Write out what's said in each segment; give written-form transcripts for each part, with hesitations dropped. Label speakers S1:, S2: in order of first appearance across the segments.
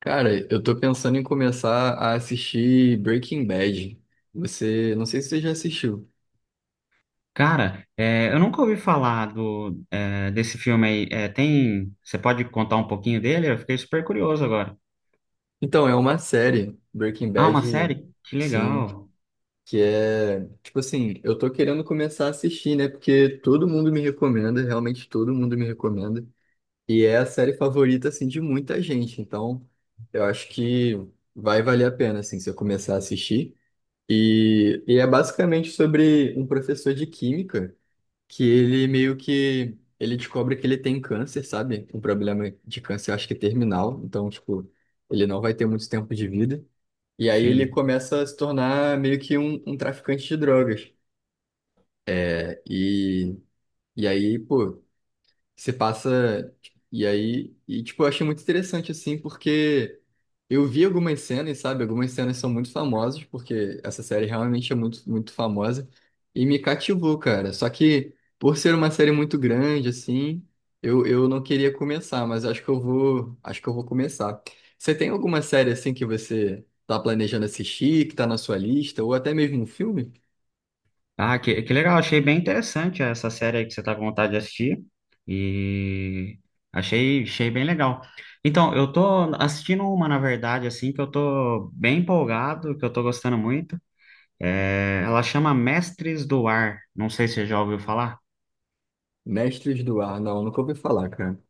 S1: Cara, eu tô pensando em começar a assistir Breaking Bad. Você, não sei se você já assistiu.
S2: Cara, eu nunca ouvi falar do, desse filme aí. Você pode contar um pouquinho dele? Eu fiquei super curioso agora.
S1: Então, é uma série, Breaking
S2: Ah, uma
S1: Bad,
S2: série? Que
S1: sim,
S2: legal.
S1: que é, tipo assim, eu tô querendo começar a assistir, né? Porque todo mundo me recomenda, realmente todo mundo me recomenda. E é a série favorita, assim, de muita gente. Então, eu acho que vai valer a pena, assim, se eu começar a assistir. E é basicamente sobre um professor de química que ele meio que ele descobre que ele tem câncer, sabe? Um problema de câncer, acho que terminal. Então, tipo, ele não vai ter muito tempo de vida. E aí ele
S2: Sim.
S1: começa a se tornar meio que um traficante de drogas. É, E, e aí, pô. Você passa. E aí. E, tipo, eu achei muito interessante, assim, porque eu vi algumas cenas, sabe? Algumas cenas são muito famosas, porque essa série realmente é muito, muito famosa. E me cativou, cara. Só que, por ser uma série muito grande, assim, eu não queria começar, mas acho que eu vou. Acho que eu vou começar. Você tem alguma série, assim, que você tá planejando assistir, que tá na sua lista, ou até mesmo um filme?
S2: Ah, que legal. Achei bem interessante essa série aí que você tá com vontade de assistir. E achei bem legal. Então, eu tô assistindo uma, na verdade, assim, que eu tô bem empolgado, que eu tô gostando muito. Ela chama Mestres do Ar. Não sei se você já ouviu falar.
S1: Mestres do Ar. Não, nunca ouvi falar, cara.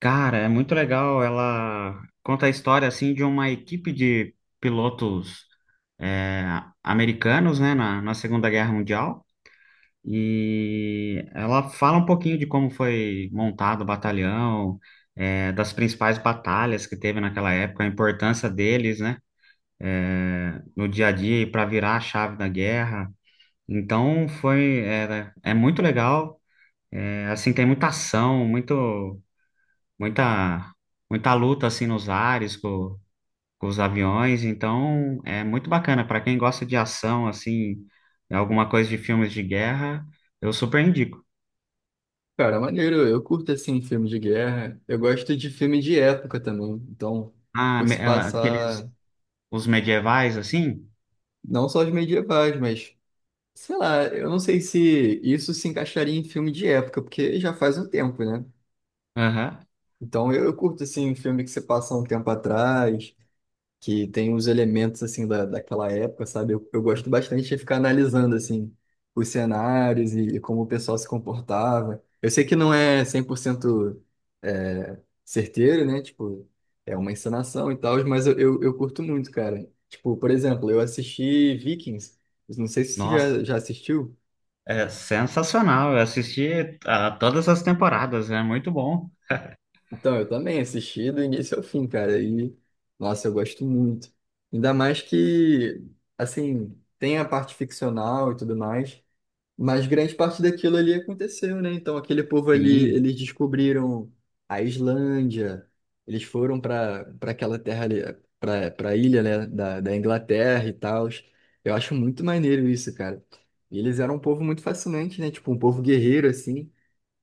S2: Cara, é muito legal. Ela conta a história assim de uma equipe de pilotos é, americanos, né, na Segunda Guerra Mundial. E ela fala um pouquinho de como foi montado o batalhão, das principais batalhas que teve naquela época, a importância deles, né, no dia a dia e para virar a chave da guerra. Então é muito legal. É, assim, tem muita ação, muito muita muita luta assim nos ares com os aviões, então é muito bacana para quem gosta de ação assim, alguma coisa de filmes de guerra, eu super indico.
S1: Cara, maneiro, eu curto assim filme de guerra. Eu gosto de filme de época também. Então, por se
S2: Aqueles
S1: passar
S2: os medievais assim?
S1: não só os medievais, mas sei lá, eu não sei se isso se encaixaria em filme de época, porque já faz um tempo, né?
S2: Aham.
S1: Então, eu curto assim filme que se passa um tempo atrás, que tem os elementos assim daquela época, sabe? Eu gosto bastante de ficar analisando assim os cenários e como o pessoal se comportava. Eu sei que não é 100% é, certeiro, né? Tipo, é uma encenação e tal, mas eu curto muito, cara. Tipo, por exemplo, eu assisti Vikings. Eu não sei se você
S2: Nossa,
S1: já assistiu.
S2: é sensacional. Eu assisti a todas as temporadas, é muito bom.
S1: Então, eu também assisti do início ao fim, cara. E, nossa, eu gosto muito. Ainda mais que, assim, tem a parte ficcional e tudo mais, mas grande parte daquilo ali aconteceu, né? Então aquele povo ali,
S2: Sim,
S1: eles descobriram a Islândia, eles foram para aquela terra ali, para a ilha, né, da Inglaterra e tal. Eu acho muito maneiro isso, cara. E eles eram um povo muito fascinante, né? Tipo, um povo guerreiro, assim,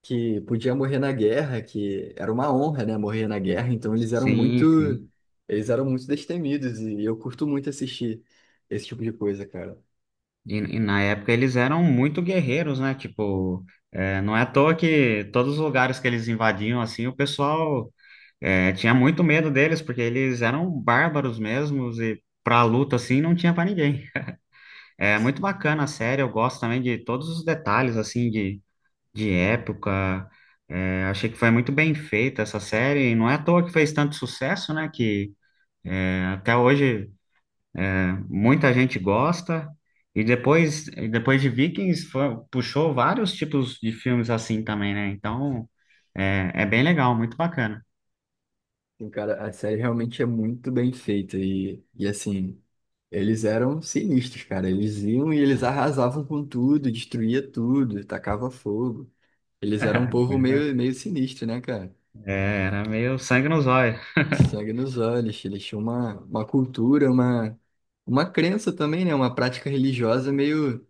S1: que podia morrer na guerra, que era uma honra, né, morrer na guerra. Então
S2: sim, sim.
S1: eles eram muito destemidos e eu curto muito assistir esse tipo de coisa, cara.
S2: E na época eles eram muito guerreiros, né? Tipo, é, não é à toa que todos os lugares que eles invadiam, assim, o pessoal é, tinha muito medo deles, porque eles eram bárbaros mesmos e pra luta, assim, não tinha pra ninguém. É muito bacana a série, eu gosto também de todos os detalhes, assim, de época. É, achei que foi muito bem feita essa série, e não é à toa que fez tanto sucesso, né, que até hoje muita gente gosta. E depois de Vikings, puxou vários tipos de filmes assim também, né? Então, é, é bem legal, muito bacana.
S1: Sim, cara, a série realmente é muito bem feita e assim, eles eram sinistros, cara. Eles iam e eles arrasavam com tudo, destruía tudo, tacava fogo. Eles eram um povo meio, meio sinistro, né, cara?
S2: É, era meio sangue nos olhos.
S1: Sangue nos olhos, eles tinham uma cultura, uma crença também, né? Uma prática religiosa meio,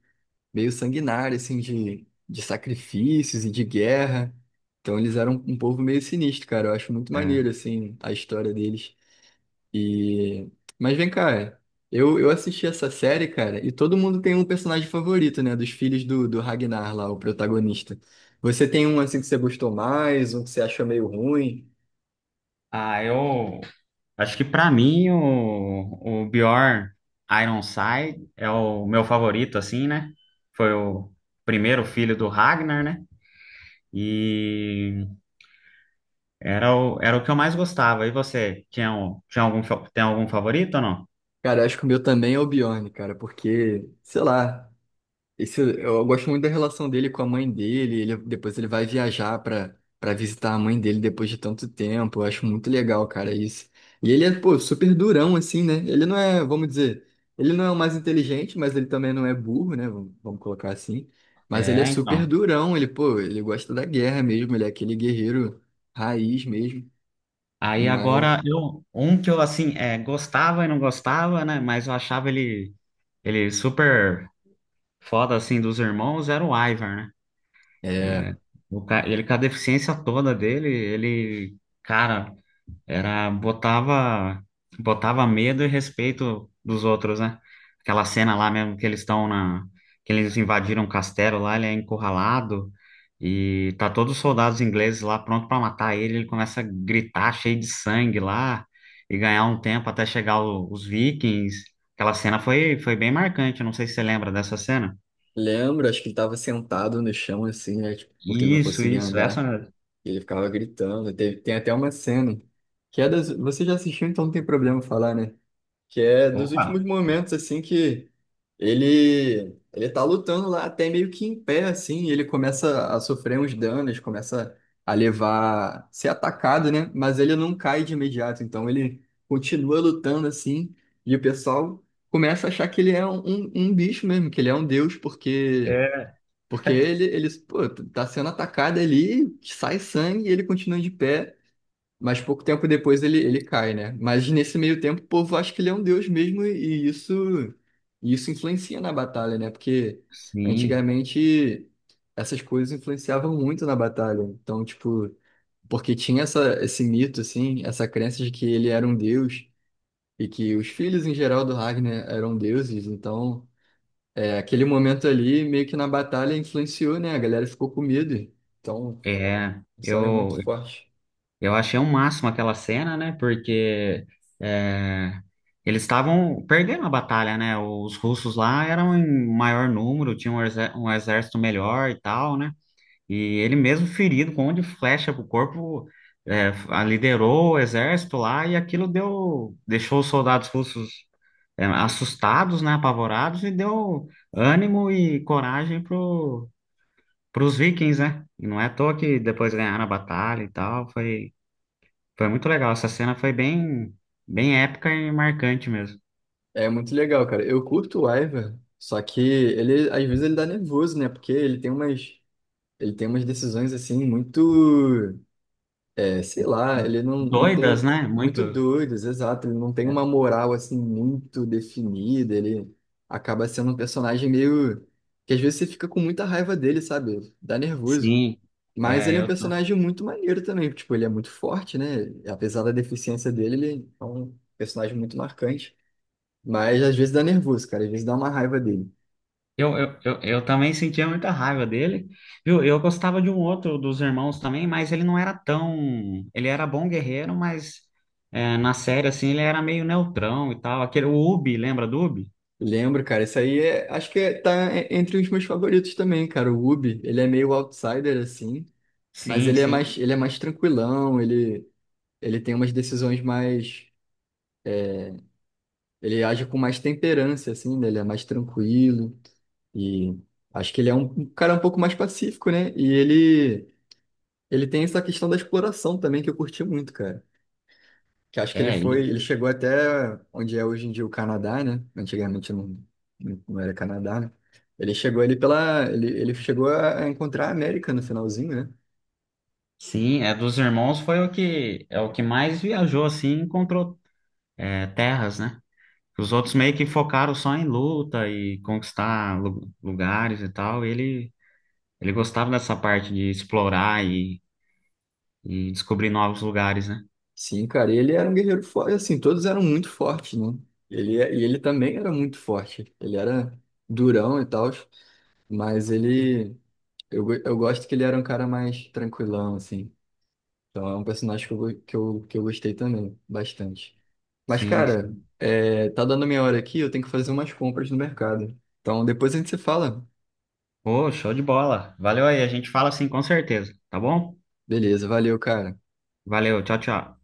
S1: meio sanguinária, assim, de sacrifícios e de guerra. Então eles eram um povo meio sinistro, cara. Eu acho muito maneiro,
S2: É.
S1: assim, a história deles. E... Mas vem cá, é. Eu assisti essa série, cara, e todo mundo tem um personagem favorito, né? Dos filhos do Ragnar lá, o protagonista. Você tem um assim que você gostou mais, um que você achou meio ruim?
S2: Ah, eu acho que pra mim o Bjorn Ironside é o meu favorito, assim, né? Foi o primeiro filho do Ragnar, né? E era era o que eu mais gostava. E você, tinha algum, tem algum favorito ou não?
S1: Cara, acho que o meu também é o Bjorn, cara, porque, sei lá. Esse, eu gosto muito da relação dele com a mãe dele. Ele, depois ele vai viajar para visitar a mãe dele depois de tanto tempo. Eu acho muito legal, cara, isso. E ele é, pô, super durão, assim, né? Ele não é, vamos dizer, ele não é o mais inteligente, mas ele também não é burro, né? Vamos colocar assim. Mas ele é
S2: É,
S1: super
S2: então.
S1: durão. Ele, pô, ele gosta da guerra mesmo. Ele é aquele guerreiro raiz mesmo.
S2: Aí
S1: Mas,
S2: agora, eu, um que eu, assim, é, gostava e não gostava, né? Mas eu achava ele super foda, assim, dos irmãos, era o Ivar, né?
S1: é.
S2: É, ele com a deficiência toda dele, ele, cara, era botava medo e respeito dos outros, né? Aquela cena lá mesmo que eles estão na que eles invadiram o castelo lá, ele é encurralado e tá todos os soldados ingleses lá pronto pra matar ele, ele começa a gritar cheio de sangue lá e ganhar um tempo até chegar os vikings. Aquela cena foi bem marcante, não sei se você lembra dessa cena.
S1: Lembro, acho que ele tava sentado no chão, assim, né? Tipo, porque ele não
S2: Isso,
S1: conseguia
S2: isso, essa
S1: andar.
S2: mesmo.
S1: E ele ficava gritando. Tem até uma cena que é das. Você já assistiu, então não tem problema falar, né? Que é dos
S2: Opa.
S1: últimos momentos, assim, que ele tá lutando lá até meio que em pé, assim. E ele começa a sofrer uns danos, começa a levar, ser atacado, né? Mas ele não cai de imediato, então ele continua lutando assim. E o pessoal começa a achar que ele é um bicho mesmo, que ele é um deus, porque ele, eles, pô, tá sendo atacado ali, sai sangue e ele continua de pé, mas pouco tempo depois ele, ele cai, né? Mas nesse meio tempo, o povo acha que ele é um deus mesmo e isso influencia na batalha, né? Porque
S2: Sim,
S1: antigamente essas coisas influenciavam muito na batalha. Então, tipo, porque tinha essa, esse mito, assim, essa crença de que ele era um deus e que os filhos em geral do Ragnar eram deuses, então. É, aquele momento ali, meio que na batalha, influenciou, né? A galera ficou com medo. Então,
S2: é.
S1: isso era muito forte.
S2: Eu achei um máximo aquela cena, né? Porque é, eles estavam perdendo a batalha, né? Os russos lá eram em maior número, tinham um exército melhor e tal, né? E ele mesmo ferido, com um monte de flecha pro corpo, liderou o exército lá e aquilo deixou os soldados russos assustados, né? Apavorados e deu ânimo e coragem para os vikings, né? E não é à toa que depois ganharam a batalha e tal. Foi muito legal. Essa cena foi bem épica e marcante mesmo.
S1: É muito legal, cara. Eu curto o Ivar, só que ele, às vezes, ele dá nervoso, né? Porque ele tem umas decisões, assim, muito, sei lá, ele não, não tem
S2: Doidas,
S1: um-
S2: né?
S1: muito
S2: Muito.
S1: doidos, exato. Ele não tem uma moral, assim, muito definida. Ele acaba sendo um personagem meio, que às vezes você fica com muita raiva dele, sabe? Dá nervoso.
S2: Sim.
S1: Mas
S2: É,
S1: ele é um personagem muito maneiro também, tipo, ele é muito forte, né? Apesar da deficiência dele, ele é um personagem muito marcante. Mas às vezes dá nervoso, cara, às vezes dá uma raiva dele.
S2: eu também sentia muita raiva dele, viu? Eu gostava de um outro dos irmãos também, mas ele não era tão. Ele era bom guerreiro, mas é, na série, assim, ele era meio neutrão e tal. Aquele, o Ubi, lembra do Ubi?
S1: Lembro, cara, isso aí é, acho que entre os meus favoritos também, cara. O Ubi, ele é meio outsider assim, mas
S2: Sim, sim.
S1: ele é mais tranquilão, ele tem umas decisões mais, ele age com mais temperança assim, né? Ele é mais tranquilo e acho que ele é um cara um pouco mais pacífico, né? Ele tem essa questão da exploração também que eu curti muito, cara. Que acho que
S2: É, ele-
S1: ele chegou até onde é hoje em dia o Canadá, né? Antigamente não, não era Canadá, né? Ele chegou ali pela, ele chegou a encontrar a América no finalzinho, né?
S2: Sim, é dos irmãos foi o que mais viajou assim, e encontrou é, terras, né? Os outros meio que focaram só em luta e conquistar lugares e tal. Ele gostava dessa parte de explorar e descobrir novos lugares, né?
S1: Sim, cara, ele era um guerreiro forte, assim, todos eram muito fortes, né? Ele também era muito forte. Ele era durão e tal, mas ele, eu gosto que ele era um cara mais tranquilão, assim. Então é um personagem que eu gostei também, bastante. Mas,
S2: Sim,
S1: cara,
S2: sim.
S1: é, tá dando minha hora aqui, eu tenho que fazer umas compras no mercado. Então depois a gente se fala.
S2: Pô, show de bola. Valeu aí, a gente fala assim com certeza, tá bom?
S1: Beleza, valeu, cara.
S2: Valeu, tchau, tchau.